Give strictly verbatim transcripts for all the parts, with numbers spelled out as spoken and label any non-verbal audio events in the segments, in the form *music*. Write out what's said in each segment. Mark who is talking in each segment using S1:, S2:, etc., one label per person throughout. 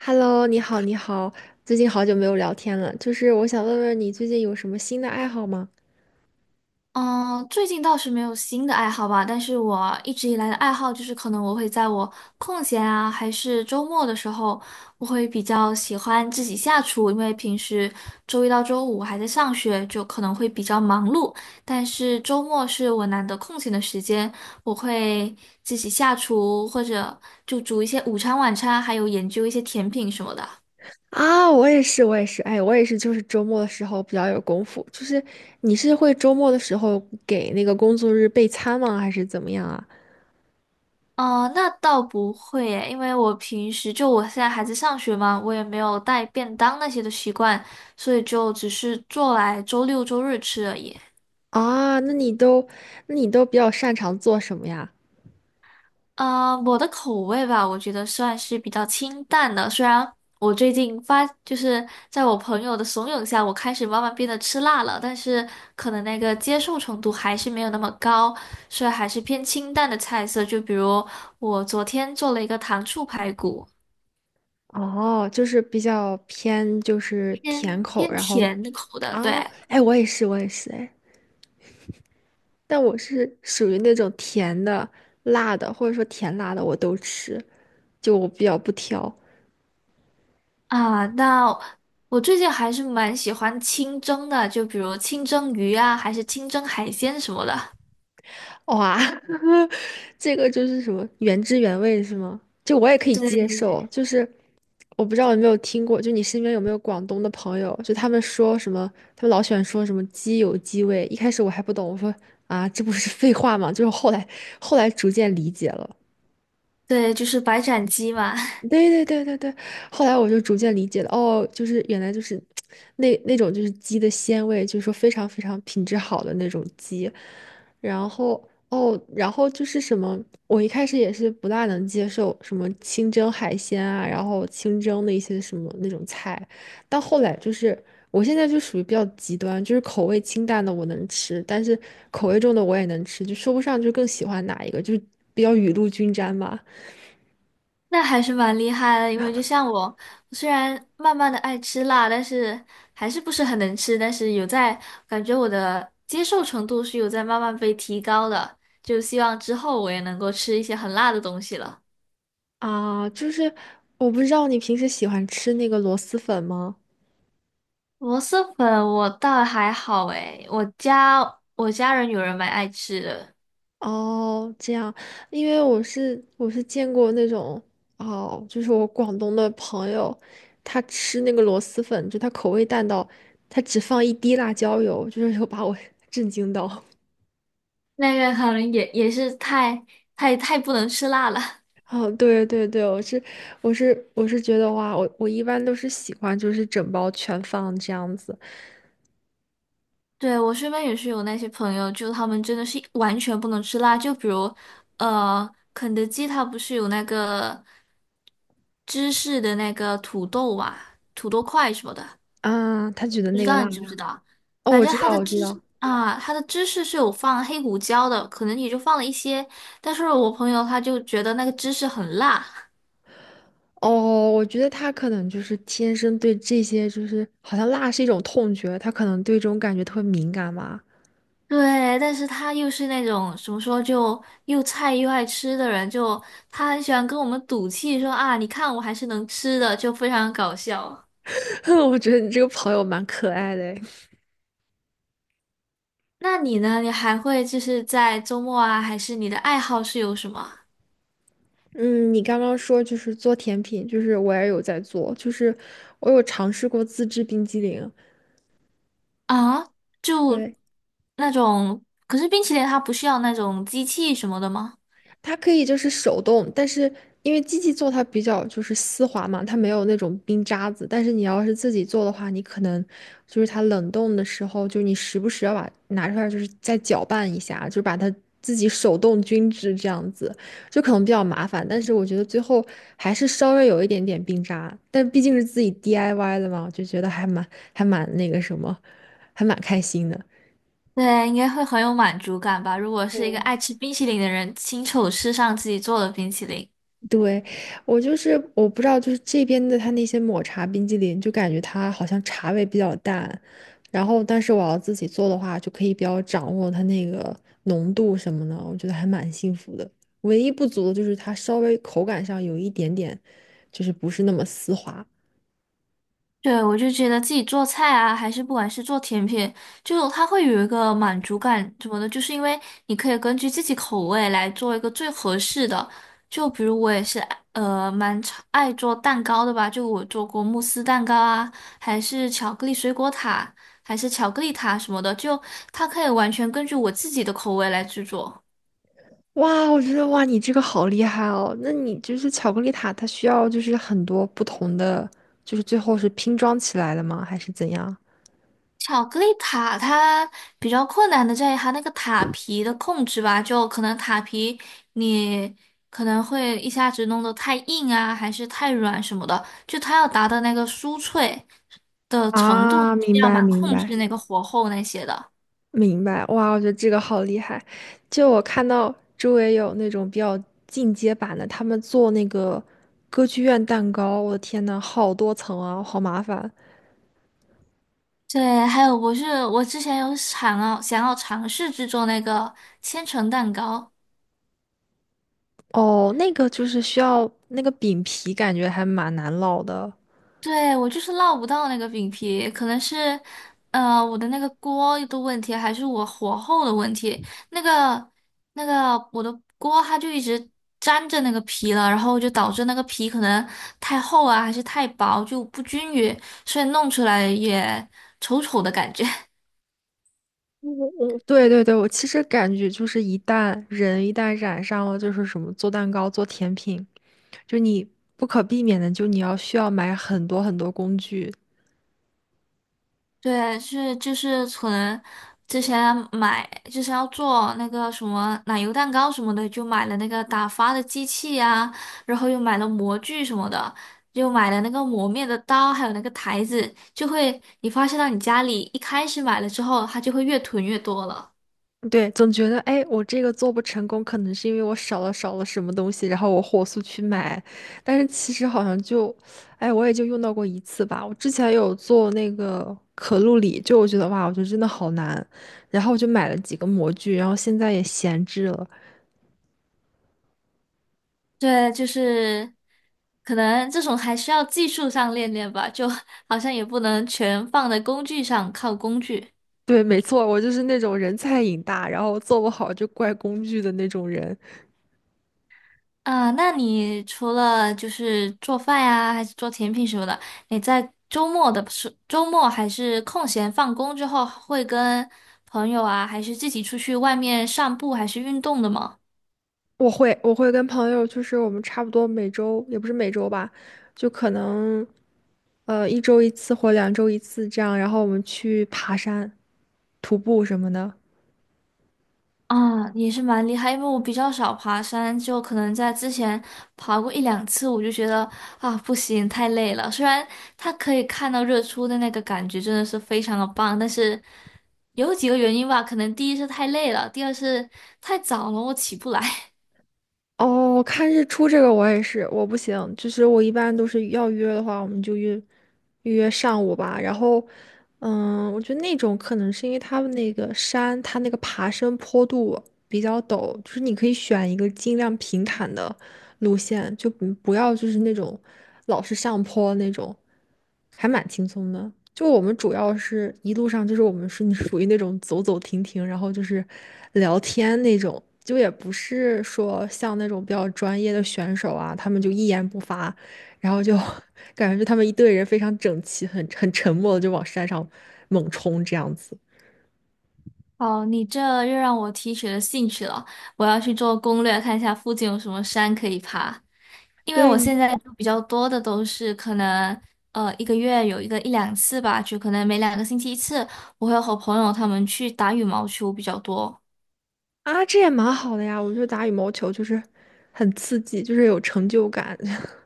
S1: Hello，你好，你好，最近好久没有聊天了，就是我想问问你最近有什么新的爱好吗？
S2: 嗯，最近倒是没有新的爱好吧，但是我一直以来的爱好就是，可能我会在我空闲啊，还是周末的时候，我会比较喜欢自己下厨，因为平时周一到周五还在上学，就可能会比较忙碌，但是周末是我难得空闲的时间，我会自己下厨，或者就煮一些午餐、晚餐，还有研究一些甜品什么的。
S1: 啊，我也是，我也是，哎，我也是，就是周末的时候比较有功夫。就是你是会周末的时候给那个工作日备餐吗？还是怎么样啊？
S2: 哦，那倒不会耶，因为我平时就我现在还在上学嘛，我也没有带便当那些的习惯，所以就只是做来周六周日吃而已。
S1: 啊，那你都，那你都比较擅长做什么呀？
S2: 啊，我的口味吧，我觉得算是比较清淡的，虽然我最近发就是在我朋友的怂恿下，我开始慢慢变得吃辣了，但是可能那个接受程度还是没有那么高，所以还是偏清淡的菜色，就比如我昨天做了一个糖醋排骨。
S1: 哦，就是比较偏就是
S2: 偏
S1: 甜口，
S2: 偏
S1: 然后
S2: 甜口的，对
S1: 啊，哎，我也是，我也是，哎。但我是属于那种甜的、辣的，或者说甜辣的我都吃，就我比较不挑。
S2: 啊。那我最近还是蛮喜欢清蒸的，就比如清蒸鱼啊，还是清蒸海鲜什么的。
S1: 哇，*laughs* 这个就是什么原汁原味是吗？就我也可以接受，
S2: 对
S1: 就是我不知道有没有听过，就你身边有没有广东的朋友，就他们说什么，他们老喜欢说什么鸡有鸡味。一开始我还不懂，我说啊，这不是废话吗？就是后来后来逐渐理解了。
S2: 对，就是白斩鸡嘛。
S1: 对对对对对，后来我就逐渐理解了，哦，就是原来就是那那种就是鸡的鲜味，就是说非常非常品质好的那种鸡，然后哦，然后就是什么，我一开始也是不大能接受什么清蒸海鲜啊，然后清蒸的一些什么那种菜，到后来就是我现在就属于比较极端，就是口味清淡的我能吃，但是口味重的我也能吃，就说不上就更喜欢哪一个，就是比较雨露均沾吧。
S2: *laughs* 那还是蛮厉害的。因为就像我，虽然慢慢的爱吃辣，但是还是不是很能吃，但是有在感觉我的接受程度是有在慢慢被提高的，就希望之后我也能够吃一些很辣的东西了。
S1: 啊，就是我不知道你平时喜欢吃那个螺蛳粉吗？
S2: 螺蛳粉我倒还好诶，我家我家人有人蛮爱吃的。
S1: 哦，这样，因为我是我是见过那种哦，就是我广东的朋友，他吃那个螺蛳粉，就他口味淡到他只放一滴辣椒油，就是有把我 *laughs* 震惊到。
S2: 那个可能也也是太太太不能吃辣了。*laughs*
S1: 哦，对对对，我是我是我是觉得哇，我我一般都是喜欢就是整包全放这样子
S2: 对，我身边也是有那些朋友，就他们真的是完全不能吃辣，就比如呃，肯德基它不是有那个芝士的那个土豆啊，土豆块什么的。
S1: 啊，他觉得
S2: 不知
S1: 那个
S2: 道
S1: 辣
S2: 你知不知
S1: 呀，
S2: 道，
S1: 哦，
S2: 反
S1: 我
S2: 正
S1: 知
S2: 它
S1: 道
S2: 的
S1: 我知道。
S2: 芝啊，它的芝士是有放黑胡椒的，可能也就放了一些。但是我朋友他就觉得那个芝士很辣，
S1: 哦，我觉得他可能就是天生对这些，就是好像辣是一种痛觉，他可能对这种感觉特别敏感吧。
S2: 对，但是他又是那种怎么说，就又菜又爱吃的人，就他很喜欢跟我们赌气说啊，你看我还是能吃的，就非常搞笑。
S1: *laughs* 我觉得你这个朋友蛮可爱的诶
S2: 那你呢？你还会就是在周末啊，还是你的爱好是有什么
S1: 嗯，你刚刚说就是做甜品，就是我也有在做，就是我有尝试过自制冰激凌。
S2: 啊？就
S1: 对，
S2: 那种，可是冰淇淋它不需要那种机器什么的吗？
S1: 它可以就是手动，但是因为机器做它比较就是丝滑嘛，它没有那种冰渣子。但是你要是自己做的话，你可能就是它冷冻的时候，就是你时不时要把拿出来，就是再搅拌一下，就把它自己手动均质这样子，就可能比较麻烦。但是我觉得最后还是稍微有一点点冰渣，但毕竟是自己 D I Y 的嘛，我就觉得还蛮还蛮那个什么，还蛮开心的。
S2: 对，应该会很有满足感吧。如果是一个
S1: 对，
S2: 爱吃冰淇淋的人，亲手吃上自己做的冰淇淋，
S1: 对，我就是我不知道，就是这边的它那些抹茶冰激凌，就感觉它好像茶味比较淡，然后但是我要自己做的话，就可以比较掌握它那个浓度什么的，我觉得还蛮幸福的。唯一不足的就是它稍微口感上有一点点，就是不是那么丝滑。
S2: 对，我就觉得自己做菜啊，还是不管是做甜品，就它会有一个满足感什么的，就是因为你可以根据自己口味来做一个最合适的。就比如我也是爱呃蛮常爱做蛋糕的吧，就我做过慕斯蛋糕啊，还是巧克力水果塔，还是巧克力塔什么的，就它可以完全根据我自己的口味来制作。
S1: 哇，我觉得哇，你这个好厉害哦！那你就是巧克力塔，它需要就是很多不同的，就是最后是拼装起来的吗？还是怎样？
S2: 巧克力塔它比较困难的在于它那个塔皮的控制吧，就可能塔皮你可能会一下子弄得太硬啊，还是太软什么的，就它要达到那个酥脆的程度，是
S1: 啊，明
S2: 要
S1: 白
S2: 蛮
S1: 明
S2: 控制
S1: 白。
S2: 那个火候那些的。
S1: 明白，哇，我觉得这个好厉害。就我看到周围有那种比较进阶版的，他们做那个歌剧院蛋糕，我的天呐，好多层啊，好麻烦。
S2: 对，还有我是我之前有想要想要尝试制作那个千层蛋糕，
S1: 哦，那个就是需要那个饼皮，感觉还蛮难烙的。
S2: 对，我就是烙不到那个饼皮，可能是，呃，我的那个锅的问题，还是我火候的问题。那个那个，我的锅它就一直粘着那个皮了，然后就导致那个皮可能太厚啊，还是太薄，就不均匀，所以弄出来也丑丑的感觉。*laughs*
S1: 我我对对对，我其实感觉就是一旦人一旦染上了就是什么做蛋糕、做甜品，就你不可避免的，就你要需要买很多很多工具。
S2: 对，是就是存之前买，就是要做那个什么奶油蛋糕什么的，就买了那个打发的机器呀、然后又买了模具什么的，又买了那个磨面的刀，还有那个台子，就会你发现到你家里一开始买了之后，它就会越囤越多了。
S1: 对，总觉得哎，我这个做不成功，可能是因为我少了少了什么东西，然后我火速去买，但是其实好像就，哎，我也就用到过一次吧。我之前有做那个可露里，就我觉得哇，我觉得真的好难，然后我就买了几个模具，然后现在也闲置了。
S2: 对，就是可能这种还需要技术上练练吧，就 *laughs* 好像也不能全放在工具上，靠工具。
S1: 对，没错，我就是那种人菜瘾大，然后做不好就怪工具的那种人。
S2: 啊，那你除了就是做饭呀，还是做甜品什么的，你在周末的时周末还是空闲放工之后，会跟朋友啊，还是自己出去外面散步，还是运动的吗？
S1: 我会，我会跟朋友，就是我们差不多每周，也不是每周吧，就可能。呃，一周一次或两周一次这样，然后我们去爬山、徒步什么的。
S2: 啊，也是蛮厉害，因为我比较少爬山，就可能在之前爬过一两次，我就觉得啊不行，太累了。虽然它可以看到日出的那个感觉真的是非常的棒，但是有几个原因吧，可能第一是太累了，第二是太早了，我起不来。*laughs*
S1: 哦，看日出这个我也是，我不行，就是我一般都是要约的话，我们就约预约上午吧。然后，嗯，我觉得那种可能是因为他们那个山，它那个爬升坡度比较陡，就是你可以选一个尽量平坦的路线，就不不要就是那种老是上坡那种，还蛮轻松的。就我们主要是一路上就是我们是 *laughs* 属于那种走走停停，然后就是聊天那种，就也不是说像那种比较专业的选手啊，他们就一言不发，然后就 *laughs* 感觉就他们一队人非常整齐，很很沉默的就往山上猛冲这样子。
S2: 哦，你这又让我提起了兴趣了，我要去做攻略，看一下附近有什么山可以爬。因为
S1: 对
S2: 我
S1: 你
S2: 现在就比较多的都是可能，呃，一个月有一个一两次吧，就可能每两个星期一次，我会和朋友他们去打羽毛球比较多。
S1: 啊，这也蛮好的呀，我觉得打羽毛球就是很刺激，就是有成就感。*laughs*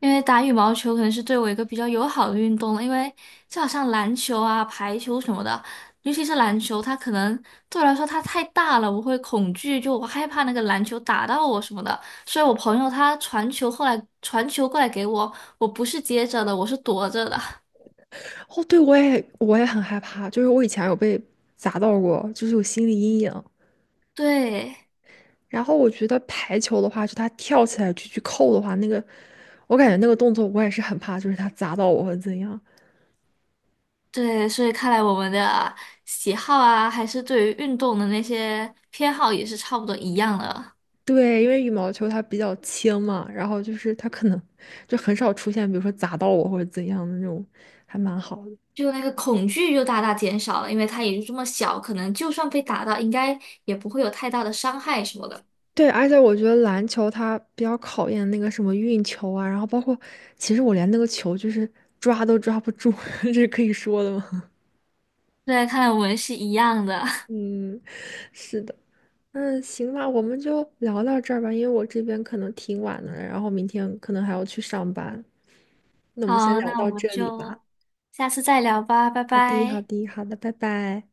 S2: 因为打羽毛球可能是对我一个比较友好的运动了，因为就好像篮球啊、排球什么的，尤其是篮球，它可能对我来说它太大了，我会恐惧，就我害怕那个篮球打到我什么的。所以我朋友他传球后来传球过来给我，我不是接着的，我是躲着的。
S1: 哦，对，我也我也很害怕，就是我以前有被砸到过，就是有心理阴影。
S2: *laughs* 对。
S1: 然后我觉得排球的话，就他跳起来去去扣的话，那个我感觉那个动作我也是很怕，就是他砸到我会怎样？
S2: 对，所以看来我们的喜好啊，还是对于运动的那些偏好也是差不多一样的，
S1: 对，因为羽毛球它比较轻嘛，然后就是它可能就很少出现，比如说砸到我或者怎样的那种，还蛮好的。
S2: 就那个恐惧就大大减少了，因为它也就这么小，可能就算被打到，应该也不会有太大的伤害什么的。
S1: 对，而且我觉得篮球它比较考验那个什么运球啊，然后包括其实我连那个球就是抓都抓不住，*laughs* 这是可以说的吗？
S2: 对，看来我们是一样的。
S1: *laughs* 嗯，是的。嗯，行吧，我们就聊到这儿吧，因为我这边可能挺晚的了然后明天可能还要去上班。那
S2: *laughs*
S1: 我们先
S2: 好，
S1: 聊
S2: 那我
S1: 到
S2: 们
S1: 这里
S2: 就
S1: 吧。
S2: 下次再聊吧，拜
S1: 好的，好
S2: 拜。
S1: 的，好的，拜拜。